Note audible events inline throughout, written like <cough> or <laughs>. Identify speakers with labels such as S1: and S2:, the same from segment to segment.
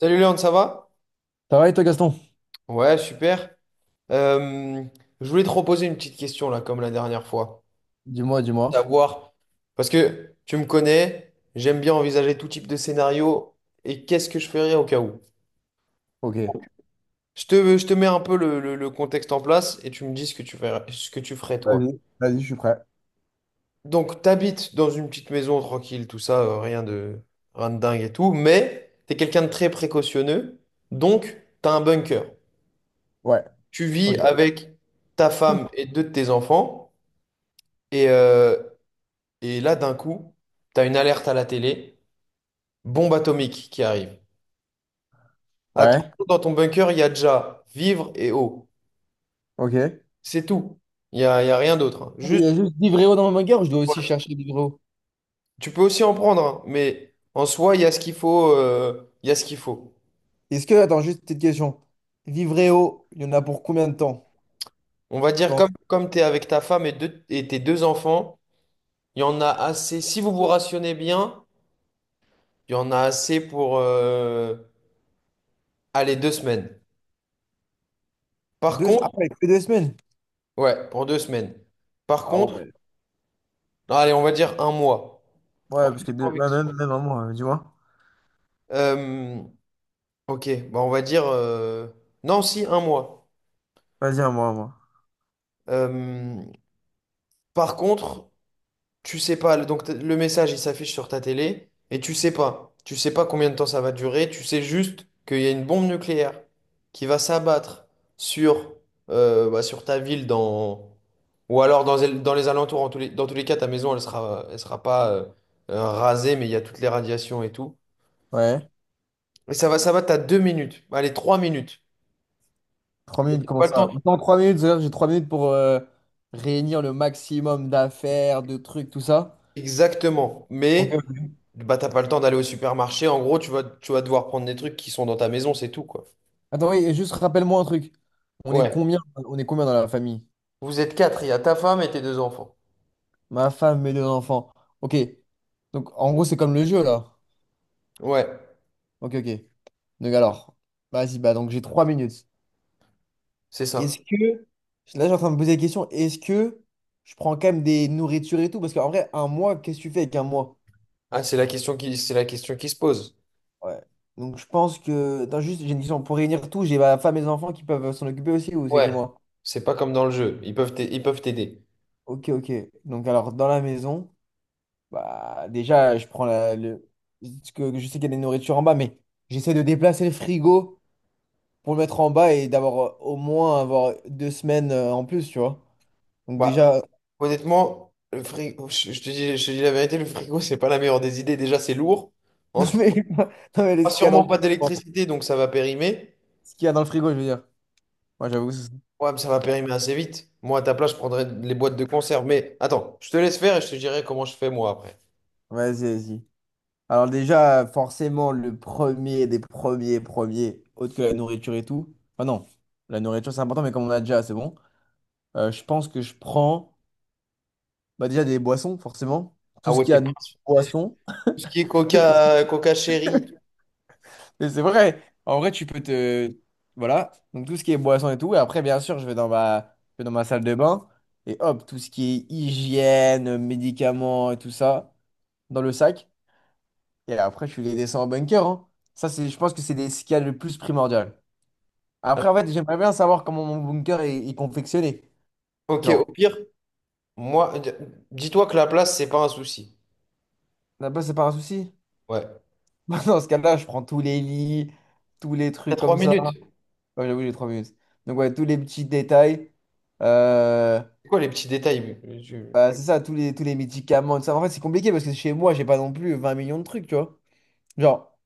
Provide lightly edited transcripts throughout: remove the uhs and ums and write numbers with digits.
S1: Salut Léon, ça va?
S2: Ça va et toi, Gaston?
S1: Ouais, super. Euh, je voulais te reposer une petite question là, comme la dernière fois.
S2: Dis-moi, dis-moi.
S1: Savoir, parce que tu me connais, j'aime bien envisager tout type de scénario et qu'est-ce que je ferais au cas où.
S2: Ok.
S1: Je te mets un peu le contexte en place et tu me dis ce que tu ferais, ce que tu ferais toi.
S2: Vas-y, vas-y, je suis prêt.
S1: Donc, t'habites dans une petite maison tranquille, tout ça, rien de, rien de dingue et tout, mais t'es quelqu'un de très précautionneux, donc t'as un bunker.
S2: Ouais.
S1: Tu vis
S2: Ok.
S1: avec ta femme et deux de tes enfants. Et, euh, et là, d'un coup, tu as une alerte à la télé, bombe atomique qui arrive.
S2: Ouais.
S1: Attention, dans ton bunker, il y a déjà vivre et eau.
S2: Ok.
S1: C'est tout. Il y a rien d'autre, hein.
S2: Il y
S1: Juste,
S2: a juste Vivreo dans ma guerre ou je dois aussi chercher Vivreo?
S1: tu peux aussi en prendre, hein, mais en soi, il y a ce qu'il faut. Il y a ce qu'il faut.
S2: Est-ce que, attends, juste une petite question. Vivreo, il y en a pour combien de temps?
S1: On va
S2: Tu
S1: dire,
S2: penses?
S1: comme tu es avec ta femme et et tes deux enfants, il y en a assez. Si vous vous rationnez bien, il y en a assez pour aller 2 semaines. Par
S2: Ah
S1: contre,
S2: ouais, que 2 semaines?
S1: ouais, pour 2 semaines. Par
S2: Ah
S1: contre,
S2: ouais.
S1: allez, on va dire un mois. Un
S2: Ouais, parce que
S1: petit peu envie
S2: ouais, même,
S1: de
S2: même un mois, dis-moi.
S1: Euh, ok, bah, on va dire... Non, si, un mois.
S2: Vas-y, un mois un mois.
S1: Euh, Par contre, tu sais pas, le message, il s'affiche sur ta télé, et tu sais pas. Tu sais pas combien de temps ça va durer, tu sais juste qu'il y a une bombe nucléaire qui va s'abattre sur, sur ta ville dans... Ou alors dans les alentours, dans tous les cas, ta maison, elle sera pas rasée, mais il y a toutes les radiations et tout.
S2: Ouais.
S1: Et ça va, t'as 2 minutes, allez, 3 minutes.
S2: Trois
S1: T'as
S2: minutes, comment
S1: pas le
S2: ça?
S1: temps.
S2: Dans 3 minutes, c'est-à-dire que j'ai 3 minutes pour réunir le maximum d'affaires, de trucs, tout ça.
S1: Exactement.
S2: Ok,
S1: Mais bah t'as pas le temps d'aller au supermarché. En gros, tu vas devoir prendre des trucs qui sont dans ta maison, c'est tout, quoi.
S2: attends, oui, et juste rappelle-moi un truc.
S1: Ouais,
S2: On est combien dans la famille?
S1: vous êtes quatre, il y a ta femme et tes deux enfants.
S2: Ma femme, mes 2 enfants. Ok. Donc, en gros, c'est comme le jeu, là.
S1: Ouais.
S2: Ok, ok. Donc, alors, vas-y, bah, donc j'ai 3 minutes.
S1: C'est
S2: Est-ce
S1: ça.
S2: que, là, j'ai en train de me poser la question, est-ce que je prends quand même des nourritures et tout? Parce qu'en vrai, un mois, qu'est-ce que tu fais avec un mois?
S1: Ah, c'est la question qui se pose.
S2: Ouais. Donc, je pense que, attends, juste, j'ai une question. Pour réunir tout, j'ai ma femme et mes enfants qui peuvent s'en occuper aussi, ou c'est que
S1: Ouais.
S2: moi?
S1: C'est pas comme dans le jeu. Ils peuvent t'aider.
S2: Ok, ok. Donc, alors, dans la maison. Bah, déjà, je prends Je sais qu'il y a des nourritures en bas, mais j'essaie de déplacer le frigo pour le mettre en bas et d'avoir au moins avoir 2 semaines, en plus, tu vois. Donc
S1: Bah,
S2: déjà. <laughs>
S1: honnêtement, le frigo, je te dis la vérité, le frigo, c'est pas la meilleure des idées. Déjà, c'est lourd.
S2: Non
S1: Ensuite,
S2: mais, non, mais
S1: pas
S2: ce qu'il y a dans
S1: sûrement
S2: le
S1: pas
S2: frigo.
S1: d'électricité, donc ça va périmer.
S2: Ce qu'il y a dans le frigo, je veux dire. Moi, j'avoue. Ça.
S1: Ouais, mais ça va périmer assez vite. Moi, à ta place, je prendrais les boîtes de conserve. Mais attends, je te laisse faire et je te dirai comment je fais moi après.
S2: Vas-y, vas-y. Alors déjà, forcément, le premier des premiers, autre que la nourriture et tout. Enfin non, la nourriture c'est important, mais comme on a déjà, c'est bon. Je pense que je prends bah, déjà des boissons, forcément.
S1: Ah
S2: Tout ce
S1: ouais,
S2: qu'il y
S1: t'es
S2: a
S1: pas.
S2: de boissons.
S1: Tout ce qui est Coca, Coca Cherry.
S2: Et c'est vrai. En vrai, tu peux te... Voilà. Donc, tout ce qui est boisson et tout. Et après, bien sûr, je vais dans ma salle de bain. Et hop, tout ce qui est hygiène, médicaments et tout ça, dans le sac. Et après, tu les descends en bunker, hein. Ça, c'est, je pense que c'est ce qu'il y a le plus primordial. Après, en fait, j'aimerais bien savoir comment mon bunker est confectionné.
S1: Ok, au
S2: Genre,
S1: pire, moi, d- dis-toi que la place, c'est pas un souci.
S2: là-bas, c'est pas un souci.
S1: Ouais.
S2: <laughs> Dans ce cas-là, je prends tous les lits, tous les
S1: T'as
S2: trucs
S1: trois
S2: comme ça.
S1: minutes.
S2: Ouais, j'avoue, j'ai 3 minutes. Donc, ouais, tous les petits détails. Euh...
S1: C'est quoi les petits détails? Tu-
S2: Bah, c'est ça, tous les médicaments, tout ça. En fait, c'est compliqué parce que chez moi, j'ai pas non plus 20 millions de trucs, tu vois. Genre,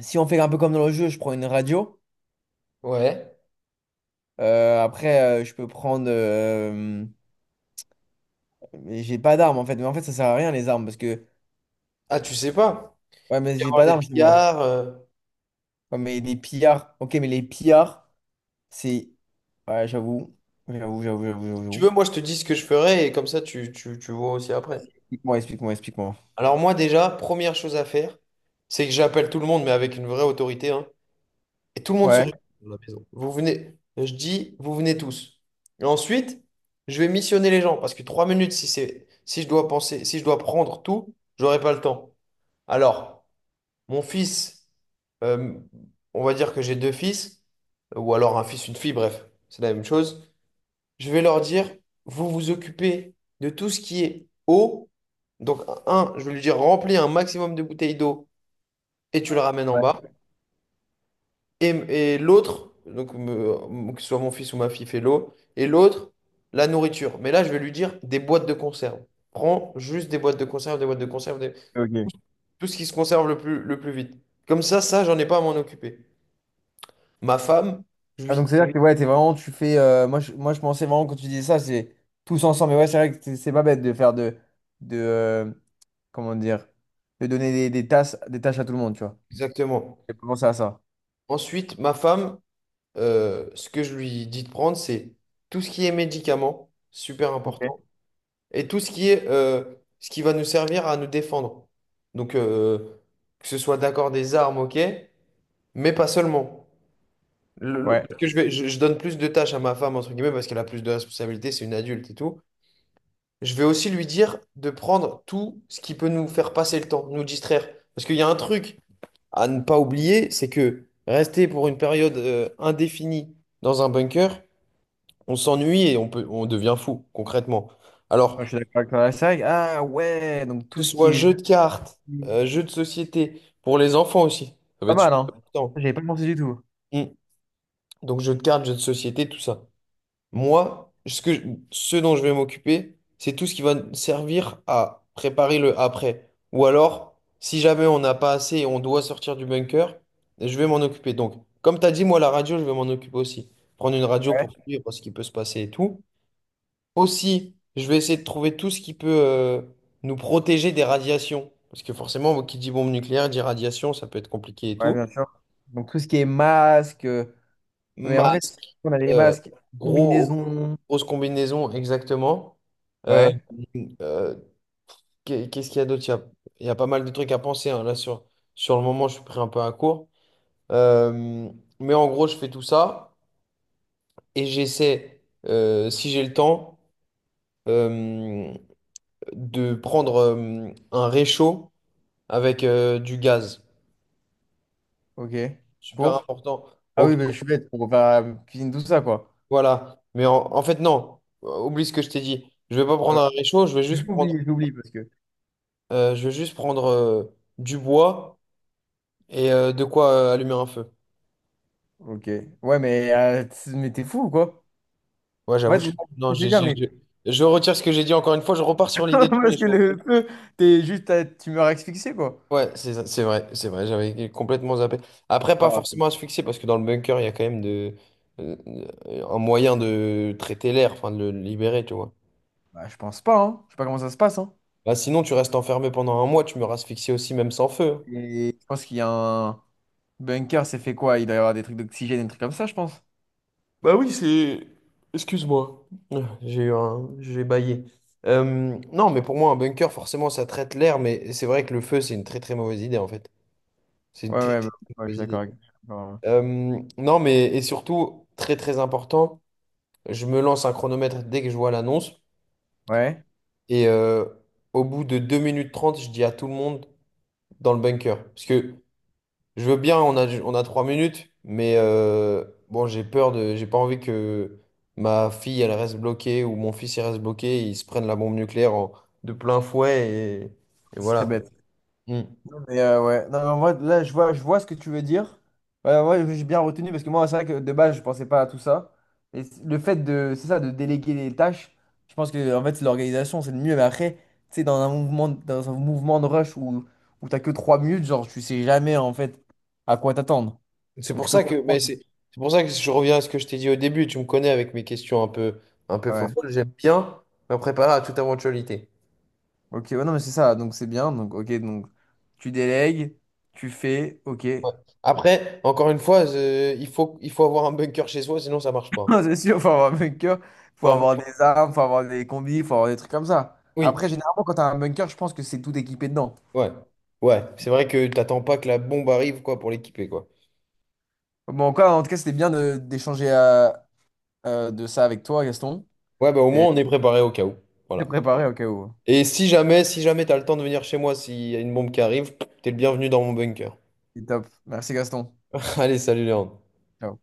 S2: si on fait un peu comme dans le jeu, je prends une radio.
S1: Ouais.
S2: Après, je peux prendre. Mais j'ai pas d'armes en fait. Mais en fait, ça sert à rien les armes parce que.
S1: Ah, tu sais pas.
S2: Ouais, mais
S1: Il va y
S2: j'ai
S1: avoir
S2: pas
S1: des
S2: d'armes, c'est moi.
S1: pillards.
S2: Ouais, mais les pillards. Ok, mais les pillards, c'est. Ouais, j'avoue. J'avoue, j'avoue, j'avoue,
S1: Si tu
S2: j'avoue.
S1: veux, moi, je te dis ce que je ferai et comme ça, tu vois aussi après.
S2: Explique-moi, explique-moi, explique-moi.
S1: Alors, moi, déjà, première chose à faire, c'est que j'appelle tout le monde, mais avec une vraie autorité, hein. Et tout le monde se
S2: Ouais.
S1: réunit dans la maison. Vous venez, je dis, vous venez tous. Et ensuite, je vais missionner les gens parce que 3 minutes, si c'est, si je dois penser, si je dois prendre tout, j'aurai pas le temps. Alors, mon fils, euh, on va dire que j'ai 2 fils, ou alors un fils, une fille, bref, c'est la même chose. Je vais leur dire, vous vous occupez de tout ce qui est eau. Donc, un, je vais lui dire, remplis un maximum de bouteilles d'eau et tu le ramènes en
S2: Ouais,
S1: bas. Et l'autre, que ce soit mon fils ou ma fille fait l'eau, et l'autre, la nourriture. Mais là, je vais lui dire des boîtes de conserve. Prends juste des boîtes de conserve,
S2: ok.
S1: tout ce qui se conserve le plus vite. Comme ça, j'en ai pas à m'en occuper. Ma femme, je
S2: Ah, donc
S1: lui...
S2: c'est-à-dire que ouais, t'es vraiment, tu fais. Moi, je pensais vraiment quand tu disais ça, c'est tous ensemble. Mais ouais, c'est vrai que c'est pas bête de faire de comment dire, de donner des tâches à tout le monde, tu vois.
S1: Exactement.
S2: J'ai pas pensé à ça.
S1: Ensuite, ma femme, ce que je lui dis de prendre, c'est tout ce qui est médicaments, super important,
S2: Ok.
S1: et tout ce qui est ce qui va nous servir à nous défendre. Donc, que ce soit d'accord des armes, ok, mais pas seulement.
S2: Ouais.
S1: Parce que je vais, je donne plus de tâches à ma femme, entre guillemets, parce qu'elle a plus de responsabilités, c'est une adulte et tout. Je vais aussi lui dire de prendre tout ce qui peut nous faire passer le temps, nous distraire. Parce qu'il y a un truc à ne pas oublier, c'est que rester pour une période indéfinie dans un bunker, on s'ennuie et on peut, on devient fou, concrètement. Alors,
S2: Moi, je suis d'accord avec toi. C'est vrai ah ouais, donc
S1: que
S2: tout
S1: ce
S2: ce qui
S1: soit
S2: est
S1: jeu de cartes, jeu de société, pour les enfants aussi, ça va
S2: pas
S1: être
S2: mal,
S1: super
S2: hein.
S1: important.
S2: Ça, j'avais pas pensé du tout.
S1: Mm. Donc, jeu de cartes, jeu de société, tout ça. Moi, ce dont je vais m'occuper, c'est tout ce qui va nous servir à préparer le après. Ou alors, si jamais on n'a pas assez et on doit sortir du bunker, je vais m'en occuper. Donc, comme tu as dit, moi, la radio, je vais m'en occuper aussi. Prendre une radio
S2: Ouais.
S1: pour suivre ce qui peut se passer et tout. Aussi, je vais essayer de trouver tout ce qui peut nous protéger des radiations. Parce que forcément, qui dit bombe nucléaire dit radiation, ça peut être compliqué et
S2: Ouais,
S1: tout.
S2: bien sûr. Donc tout ce qui est masque. Mais en
S1: Ma
S2: vrai, on a les
S1: Euh,
S2: masques,
S1: gros,
S2: combinaisons.
S1: grosse combinaison, exactement. Euh,
S2: Ouais.
S1: euh, Qu'est-ce qu'il y a d'autre? Il y a pas mal de trucs à penser, hein. Là, sur, sur le moment, je suis pris un peu à court. Euh, mais en gros, je fais tout ça et j'essaie, si j'ai le temps, euh, de prendre un réchaud avec du gaz.
S2: Ok.
S1: Super
S2: Pour.
S1: important.
S2: Ah
S1: Ok,
S2: oui, mais je suis bête pour faire la cuisine, tout ça, quoi.
S1: voilà. Mais en fait, non. Oublie ce que je t'ai dit. Je vais pas prendre un réchaud, je vais juste prendre
S2: J'oublie, j'oublie parce que.
S1: Je vais juste prendre du bois et de quoi allumer un feu.
S2: Ok. Ouais, mais t'es fou ou quoi?
S1: Ouais,
S2: En
S1: j'avoue.
S2: fait,
S1: Je-
S2: moi,
S1: non,
S2: je vais te dire, mais.
S1: je retire ce que j'ai dit encore une fois. Je repars sur
S2: <laughs>
S1: l'idée du
S2: Parce que
S1: réchaud.
S2: le feu, t'es juste à... tu meurs asphyxié, quoi.
S1: Ouais, c'est vrai, c'est vrai. J'avais complètement zappé. Après, pas
S2: Ah,
S1: forcément asphyxier parce que dans le bunker, il y a quand même de, euh, un moyen de traiter l'air, enfin de le libérer, tu vois.
S2: bah, je pense pas, hein. Je sais pas comment ça se passe, hein.
S1: Bah, sinon, tu restes enfermé pendant un mois. Tu meurs asphyxié aussi, même sans feu, hein.
S2: Et je pense qu'il y a un. Bunker, c'est fait quoi? Il doit y avoir des trucs d'oxygène, des trucs comme ça, je pense.
S1: Bah oui, c'est... Excuse-moi, ah, j'ai eu un... j'ai bâillé. Euh, non, mais pour moi, un bunker, forcément, ça traite l'air, mais c'est vrai que le feu, c'est une très très mauvaise idée, en fait. C'est une
S2: Ouais,
S1: très
S2: ouais, bah,
S1: très
S2: ouais, je suis
S1: mauvaise
S2: d'accord
S1: idée.
S2: avec. Ouais.
S1: Non, mais et surtout, très très important, je me lance un chronomètre dès que je vois l'annonce,
S2: Ouais,
S1: et au bout de 2 minutes 30 je dis à tout le monde dans le bunker. Parce que je veux bien, on a 3 minutes, mais bon, j'ai peur de, j'ai pas envie que ma fille, elle reste bloquée ou mon fils, il reste bloqué, et ils se prennent la bombe nucléaire en- de plein fouet et
S2: ce
S1: voilà
S2: serait
S1: quoi.
S2: bête.
S1: Mm.
S2: Et, ouais. Non, mais en là, je vois ce que tu veux dire. Ouais, ouais, j'ai bien retenu parce que moi, c'est vrai que de base, je pensais pas à tout ça. Et le fait de, c'est ça, de déléguer les tâches, je pense que en fait, c'est l'organisation, c'est le mieux. Mais après, tu sais, dans un mouvement de rush où t'as que 3 minutes, genre, tu sais jamais en fait à quoi t'attendre.
S1: C'est
S2: Donc,
S1: pour
S2: je peux
S1: ça que, mais
S2: comprendre.
S1: c'est c'est pour ça que je reviens à ce que je t'ai dit au début. Tu me connais avec mes questions un peu
S2: Ouais.
S1: fofolles. J'aime bien me préparer à toute éventualité.
S2: Ok, ouais, non, mais c'est ça. Donc, c'est bien. Donc, ok, donc, tu délègues, tu fais, ok.
S1: Ouais. Après, encore une fois, il faut avoir un bunker chez soi, sinon ça marche
S2: <laughs>
S1: pas.
S2: Non, c'est sûr, faut avoir un bunker, faut
S1: Faut un-
S2: avoir des armes, faut avoir des combis, faut avoir des trucs comme ça.
S1: oui.
S2: Après, généralement, quand t'as un bunker, je pense que c'est tout équipé dedans.
S1: Ouais. Ouais, c'est vrai que t'attends pas que la bombe arrive, quoi, pour l'équiper, quoi.
S2: Bon, en tout cas, c'était bien d'échanger de ça avec toi, Gaston.
S1: Ouais, bah au
S2: Et
S1: moins on est préparé au cas où.
S2: de
S1: Voilà.
S2: préparé au cas où.
S1: Et si jamais, si jamais t'as le temps de venir chez moi, s'il y a une bombe qui arrive, t'es le bienvenu dans mon bunker.
S2: C'est top. Merci, Gaston.
S1: <laughs> Allez, salut Léon.
S2: Ciao.